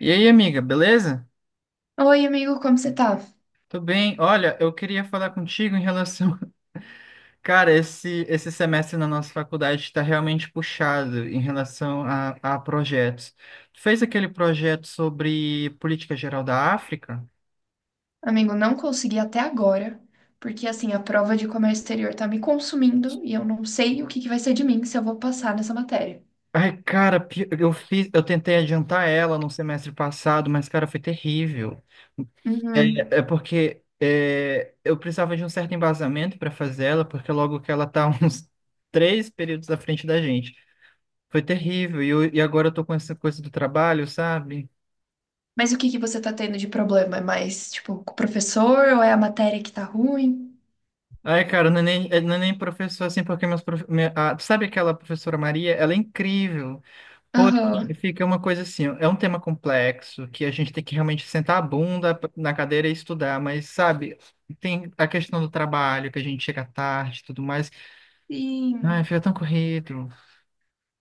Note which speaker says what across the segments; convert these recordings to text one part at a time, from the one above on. Speaker 1: E aí, amiga, beleza?
Speaker 2: Oi, amigo, como você tá?
Speaker 1: Tudo bem? Olha, eu queria falar contigo em relação. Cara, esse semestre na nossa faculdade está realmente puxado em relação a projetos. Tu fez aquele projeto sobre política geral da África?
Speaker 2: Amigo, não consegui até agora, porque assim, a prova de comércio exterior tá me consumindo e eu não sei o que que vai ser de mim se eu vou passar nessa matéria.
Speaker 1: Ai, cara, eu fiz, eu tentei adiantar ela no semestre passado, mas, cara, foi terrível.
Speaker 2: Uhum.
Speaker 1: Eu precisava de um certo embasamento para fazer ela, porque logo que ela tá uns três períodos à frente da gente. Foi terrível. E agora eu tô com essa coisa do trabalho, sabe?
Speaker 2: Mas o que que você tá tendo de problema? É mais, tipo, com o professor ou é a matéria que tá ruim?
Speaker 1: Ai, cara, não é nem professor assim, porque meus prof... minha- a- sabe aquela professora Maria? Ela é incrível. Porém,
Speaker 2: Aham.
Speaker 1: fica uma coisa assim, ó, é um tema complexo que a gente tem que realmente sentar a bunda na cadeira e estudar, mas sabe, tem a questão do trabalho, que a gente chega tarde e tudo mais. Ai,
Speaker 2: Sim,
Speaker 1: fica tão corrido.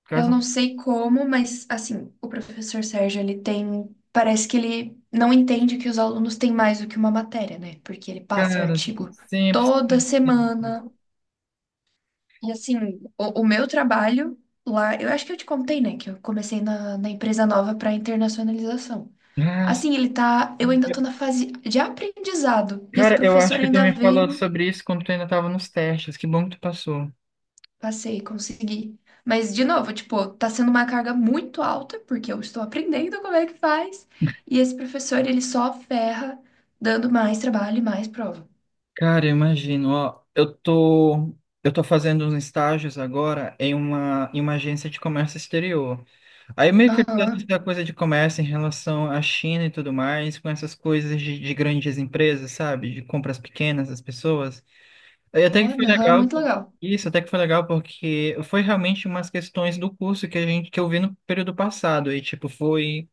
Speaker 1: Por
Speaker 2: eu
Speaker 1: causa-
Speaker 2: não sei como, mas assim, o professor Sérgio, ele tem, parece que ele não entende que os alunos têm mais do que uma matéria, né? Porque ele passa
Speaker 1: Cara,
Speaker 2: artigo
Speaker 1: sempre,
Speaker 2: toda
Speaker 1: sempre. sempre.
Speaker 2: semana. E assim, o meu trabalho lá, eu acho que eu te contei, né, que eu comecei na empresa nova para internacionalização.
Speaker 1: Ah,
Speaker 2: Assim, ele tá, eu ainda tô na fase de aprendizado e esse
Speaker 1: cara, eu acho
Speaker 2: professor
Speaker 1: que tu
Speaker 2: ainda
Speaker 1: me falou
Speaker 2: vem,
Speaker 1: sobre isso quando tu ainda tava nos testes. Que bom que tu passou.
Speaker 2: passei, consegui. Mas de novo, tipo, tá sendo uma carga muito alta porque eu estou aprendendo como é que faz e esse professor ele só ferra dando mais trabalho e mais prova.
Speaker 1: Cara, eu imagino, ó, eu tô fazendo uns estágios agora em uma agência de comércio exterior. Aí meio que eu sei
Speaker 2: Aham.
Speaker 1: da coisa de comércio em relação à China e tudo mais, com essas coisas de grandes empresas, sabe? De compras pequenas das pessoas. Aí até que foi
Speaker 2: Foda, aham,
Speaker 1: legal,
Speaker 2: muito
Speaker 1: pô.
Speaker 2: legal.
Speaker 1: Isso, até que foi legal porque foi realmente umas questões do curso que que eu vi no período passado. E tipo, foi...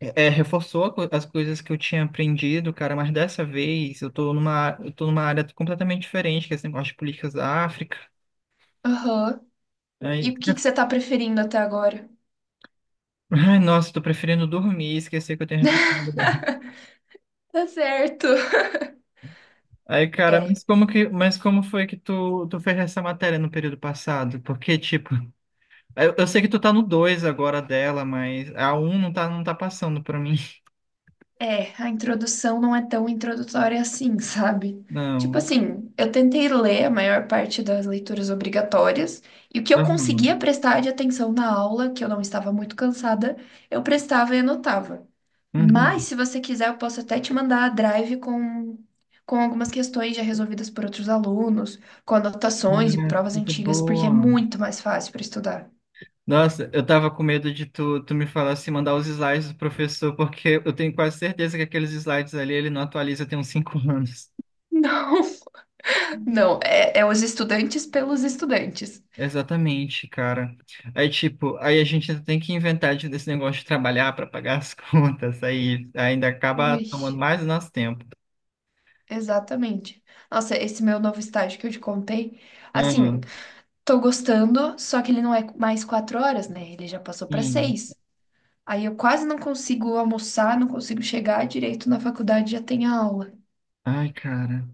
Speaker 1: É, reforçou as coisas que eu tinha aprendido, cara, mas dessa vez eu tô numa área completamente diferente, que é esse negócio de políticas da África.
Speaker 2: Aham. E
Speaker 1: Aí,
Speaker 2: o que que você tá preferindo até agora?
Speaker 1: ai, nossa, tô preferindo dormir e esquecer que eu tenho responsabilidade.
Speaker 2: Tá certo.
Speaker 1: Aí, cara,
Speaker 2: É.
Speaker 1: mas mas como foi que tu fez essa matéria no período passado? Porque, tipo, eu sei que tu tá no 2 agora dela, mas a um não tá passando pra mim.
Speaker 2: É, a introdução não é tão introdutória assim, sabe? Tipo
Speaker 1: Não,
Speaker 2: assim, eu tentei ler a maior parte das leituras obrigatórias, e o que eu
Speaker 1: tá ruim.
Speaker 2: conseguia prestar de atenção na aula, que eu não estava muito cansada, eu prestava e anotava. Mas,
Speaker 1: Uhum.
Speaker 2: se você quiser, eu posso até te mandar a drive com algumas questões já resolvidas por outros alunos, com anotações e
Speaker 1: Ah,
Speaker 2: provas
Speaker 1: que
Speaker 2: antigas, porque é
Speaker 1: boa.
Speaker 2: muito mais fácil para estudar.
Speaker 1: Nossa, eu tava com medo de tu me falar se mandar os slides do professor, porque eu tenho quase certeza que aqueles slides ali ele não atualiza tem uns cinco anos.
Speaker 2: Não, não, é, é os estudantes pelos estudantes.
Speaker 1: Exatamente, cara. Aí, tipo, aí a gente ainda tem que inventar desse negócio de trabalhar para pagar as contas, aí ainda acaba
Speaker 2: Ui.
Speaker 1: tomando mais do nosso tempo.
Speaker 2: Exatamente. Nossa, esse meu novo estágio que eu te contei, assim,
Speaker 1: Hum,
Speaker 2: tô gostando, só que ele não é mais 4 horas, né? Ele já passou pra
Speaker 1: sim.
Speaker 2: seis. Aí eu quase não consigo almoçar, não consigo chegar direito na faculdade, já tem aula.
Speaker 1: Ai, cara.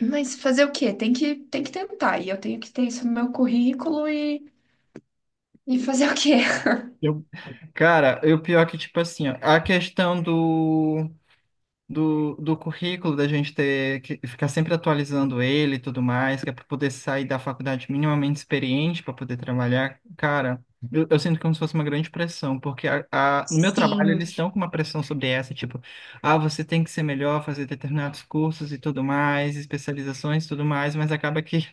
Speaker 2: Mas fazer o quê? Tem que tentar. E eu tenho que ter isso no meu currículo e fazer o quê?
Speaker 1: Eu, eu pior é que, tipo assim, ó, a questão do currículo, da gente ter que ficar sempre atualizando ele e tudo mais, que é para poder sair da faculdade minimamente experiente para poder trabalhar. Cara, eu sinto como se fosse uma grande pressão, porque no meu trabalho
Speaker 2: Sim,
Speaker 1: eles estão com uma pressão sobre essa, tipo, ah, você tem que ser melhor, fazer determinados cursos e tudo mais, especializações e tudo mais, mas acaba que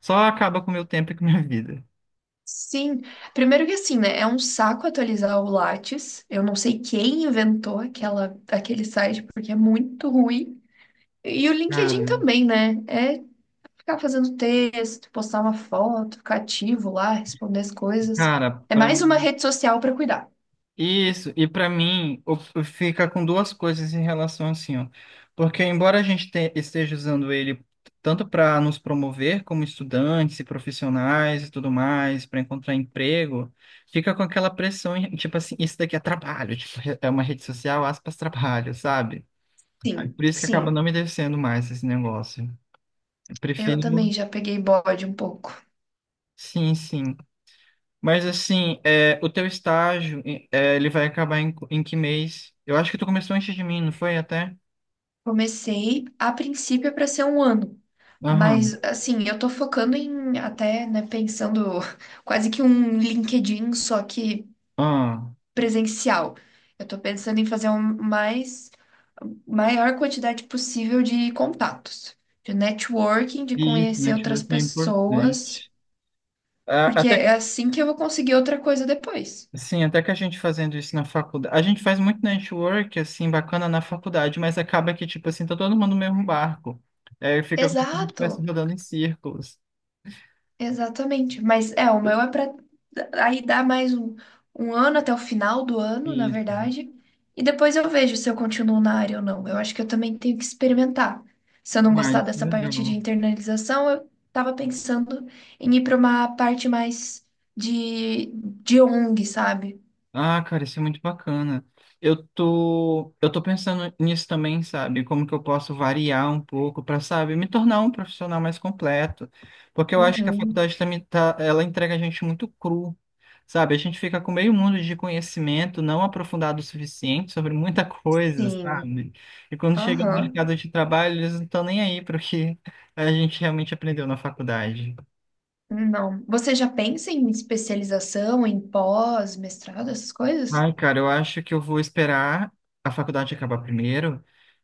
Speaker 1: só acaba com o meu tempo e com a minha vida.
Speaker 2: sim. Primeiro que assim, né? É um saco atualizar o Lattes. Eu não sei quem inventou aquela, aquele site, porque é muito ruim. E o LinkedIn
Speaker 1: Cara,
Speaker 2: também, né? É ficar fazendo texto, postar uma foto, ficar ativo lá, responder as coisas. É
Speaker 1: para
Speaker 2: mais uma
Speaker 1: mim.
Speaker 2: rede social para cuidar.
Speaker 1: Isso, e para mim fica com duas coisas em relação assim, ó. Porque embora a gente esteja usando ele tanto para nos promover como estudantes e profissionais e tudo mais, para encontrar emprego, fica com aquela pressão, tipo assim, isso daqui é trabalho, tipo, é uma rede social, aspas, trabalho, sabe?
Speaker 2: Sim,
Speaker 1: Por isso que acaba não
Speaker 2: sim.
Speaker 1: me descendo mais esse negócio. Eu
Speaker 2: Eu
Speaker 1: prefiro,
Speaker 2: também já peguei bode um pouco.
Speaker 1: sim, sim. Mas assim, é, o teu estágio, é, ele vai acabar em, em que mês? Eu acho que tu começou antes de mim, não foi até?
Speaker 2: Comecei a princípio para ser um ano,
Speaker 1: Aham,
Speaker 2: mas assim, eu tô focando em até, né, pensando quase que um LinkedIn, só que
Speaker 1: ah,
Speaker 2: presencial. Eu estou pensando em fazer um mais maior quantidade possível de contatos, de networking, de
Speaker 1: isso,
Speaker 2: conhecer outras
Speaker 1: network é importante.
Speaker 2: pessoas, porque
Speaker 1: Até que,
Speaker 2: é assim que eu vou conseguir outra coisa depois.
Speaker 1: sim, até que a gente fazendo isso na faculdade. A gente faz muito network, assim, bacana na faculdade, mas acaba que, tipo assim, tá todo mundo no mesmo barco. É, fica como se a gente
Speaker 2: Exato.
Speaker 1: estivesse rodando em círculos.
Speaker 2: Exatamente. Mas é, o meu é para aí dar mais um, um ano até o final do ano, na
Speaker 1: Isso.
Speaker 2: verdade. E depois eu vejo se eu continuo na área ou não. Eu acho que eu também tenho que experimentar. Se eu não
Speaker 1: Ah,
Speaker 2: gostar
Speaker 1: isso é
Speaker 2: dessa parte de
Speaker 1: legal.
Speaker 2: internalização, eu tava pensando em ir para uma parte mais de, de ONG, sabe?
Speaker 1: Ah, cara, isso é muito bacana. Eu tô pensando nisso também, sabe? Como que eu posso variar um pouco para, sabe, me tornar um profissional mais completo. Porque eu acho que a
Speaker 2: Uhum,
Speaker 1: faculdade também tá, ela entrega a gente muito cru, sabe? A gente fica com meio mundo de conhecimento não aprofundado o suficiente sobre muita coisa,
Speaker 2: sim.
Speaker 1: sabe? E quando chega no
Speaker 2: Aham.
Speaker 1: mercado de trabalho, eles não estão nem aí para o que a gente realmente aprendeu na faculdade.
Speaker 2: Não. Você já pensa em especialização, em pós, mestrado, essas coisas?
Speaker 1: Ai, cara, eu acho que eu vou esperar a faculdade acabar primeiro.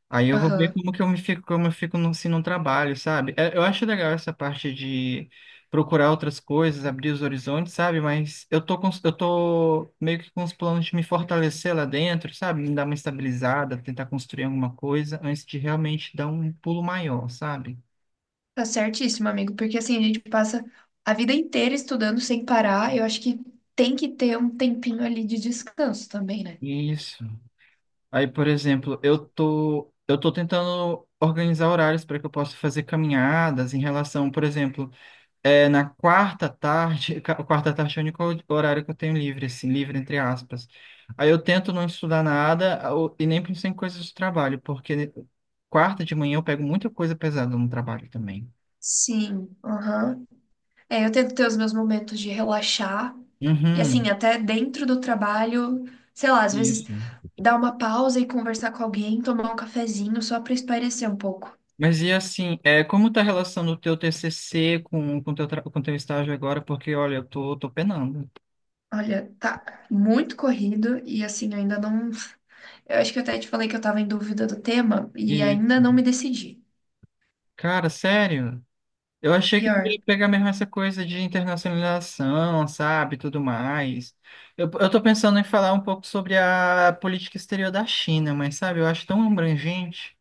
Speaker 1: Aí eu vou ver
Speaker 2: Aham.
Speaker 1: como que eu me fico, como eu fico no, se não trabalho, sabe? É, eu acho legal essa parte de procurar outras coisas, abrir os horizontes, sabe? Mas eu tô com, eu tô meio que com os planos de me fortalecer lá dentro, sabe? Me dar uma estabilizada, tentar construir alguma coisa antes de realmente dar um pulo maior, sabe?
Speaker 2: Tá certíssimo, amigo, porque assim, a gente passa a vida inteira estudando sem parar. Eu acho que tem que ter um tempinho ali de descanso também, né?
Speaker 1: Isso. Aí, por exemplo, eu tô tentando organizar horários para que eu possa fazer caminhadas em relação, por exemplo, é, na quarta tarde, quarta tarde é o único horário que eu tenho livre, assim, livre entre aspas. Aí eu tento não estudar nada e nem pensar em coisas de trabalho, porque quarta de manhã eu pego muita coisa pesada no trabalho também.
Speaker 2: Sim, aham. É, eu tento ter os meus momentos de relaxar. E assim,
Speaker 1: Uhum,
Speaker 2: até dentro do trabalho, sei lá, às vezes
Speaker 1: isso.
Speaker 2: dar uma pausa e conversar com alguém, tomar um cafezinho só pra espairecer um pouco.
Speaker 1: Mas e assim, é, como tá a relação do teu TCC com o teu, com teu estágio agora? Porque, olha, eu tô, tô penando.
Speaker 2: Olha, tá muito corrido e assim, eu ainda não. Eu acho que eu até te falei que eu tava em dúvida do tema e
Speaker 1: Isso.
Speaker 2: ainda não me decidi.
Speaker 1: Cara, sério? Eu achei que tu ia
Speaker 2: Pior.
Speaker 1: pegar mesmo essa coisa de internacionalização, sabe, tudo mais. Eu tô pensando em falar um pouco sobre a política exterior da China, mas sabe, eu acho tão abrangente.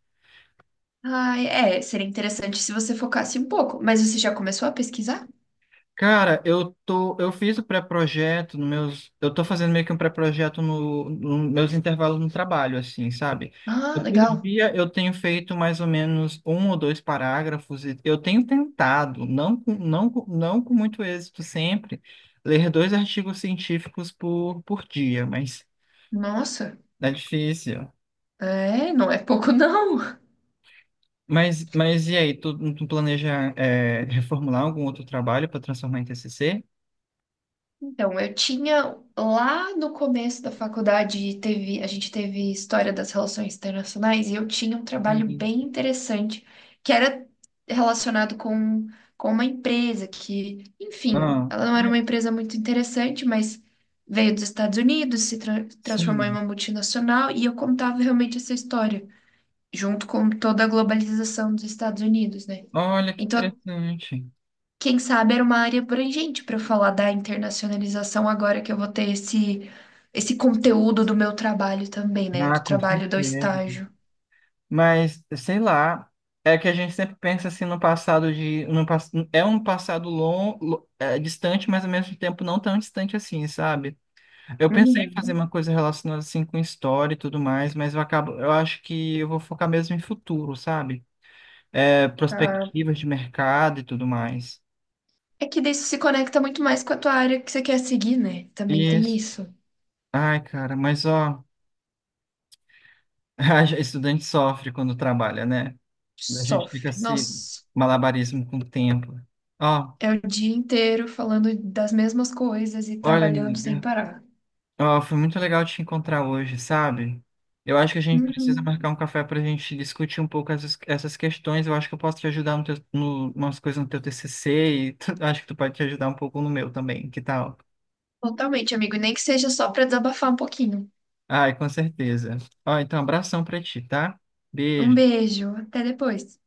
Speaker 2: Ai, é, seria interessante se você focasse um pouco. Mas você já começou a pesquisar?
Speaker 1: Cara, eu tô, eu fiz o pré-projeto no meus, eu tô fazendo meio que um pré-projeto no meus intervalos no trabalho, assim, sabe?
Speaker 2: Ah,
Speaker 1: Por
Speaker 2: legal.
Speaker 1: dia eu tenho feito mais ou menos um ou dois parágrafos e eu tenho tentado, não com muito êxito sempre, ler dois artigos científicos por dia, mas
Speaker 2: Nossa,
Speaker 1: é difícil.
Speaker 2: é, não é pouco não.
Speaker 1: Mas e aí, tu planeja é, reformular algum outro trabalho para transformar em TCC?
Speaker 2: Então, eu tinha lá no começo da faculdade, teve, a gente teve história das relações internacionais e eu tinha um trabalho
Speaker 1: Isso.
Speaker 2: bem interessante que era relacionado com uma empresa que, enfim,
Speaker 1: Ah,
Speaker 2: ela não era
Speaker 1: mas-
Speaker 2: uma empresa muito interessante, mas veio dos Estados Unidos, se tra- transformou em
Speaker 1: sim.
Speaker 2: uma multinacional e eu contava realmente essa história, junto com toda a globalização dos Estados Unidos, né?
Speaker 1: Olha que
Speaker 2: Então,
Speaker 1: interessante.
Speaker 2: quem sabe era uma área abrangente para eu falar da internacionalização agora que eu vou ter esse esse conteúdo do meu trabalho também, né?
Speaker 1: Ah,
Speaker 2: Do
Speaker 1: com
Speaker 2: trabalho do
Speaker 1: certeza.
Speaker 2: estágio.
Speaker 1: Mas, sei lá, é que a gente sempre pensa assim no passado de. No, pass- É um passado longo, distante, mas ao mesmo tempo não tão distante assim, sabe? Eu pensei em fazer
Speaker 2: Uhum,
Speaker 1: uma coisa relacionada assim com história e tudo mais, mas eu acabo, eu acho que eu vou focar mesmo em futuro, sabe? É,
Speaker 2: tá.
Speaker 1: perspectivas de mercado e tudo mais.
Speaker 2: É que daí isso se conecta muito mais com a tua área que você quer seguir, né? Também tem
Speaker 1: Isso.
Speaker 2: isso.
Speaker 1: Ai, cara, mas ó, estudante sofre quando trabalha, né? A gente fica
Speaker 2: Sofre.
Speaker 1: se
Speaker 2: Nossa,
Speaker 1: malabarismo com o tempo. Ó,
Speaker 2: é o dia inteiro falando das mesmas coisas e
Speaker 1: olha,
Speaker 2: trabalhando sem
Speaker 1: amiga,
Speaker 2: parar.
Speaker 1: ó, foi muito legal te encontrar hoje, sabe? Eu acho que a gente precisa
Speaker 2: Uhum,
Speaker 1: marcar um café para a gente discutir um pouco essas questões. Eu acho que eu posso te ajudar no teu, no, umas coisas no teu TCC e acho que tu pode te ajudar um pouco no meu também. Que tal?
Speaker 2: totalmente, amigo. E nem que seja só para desabafar um pouquinho.
Speaker 1: Ai, com certeza. Ó, então, abração para ti, tá?
Speaker 2: Um
Speaker 1: Beijo.
Speaker 2: beijo, até depois.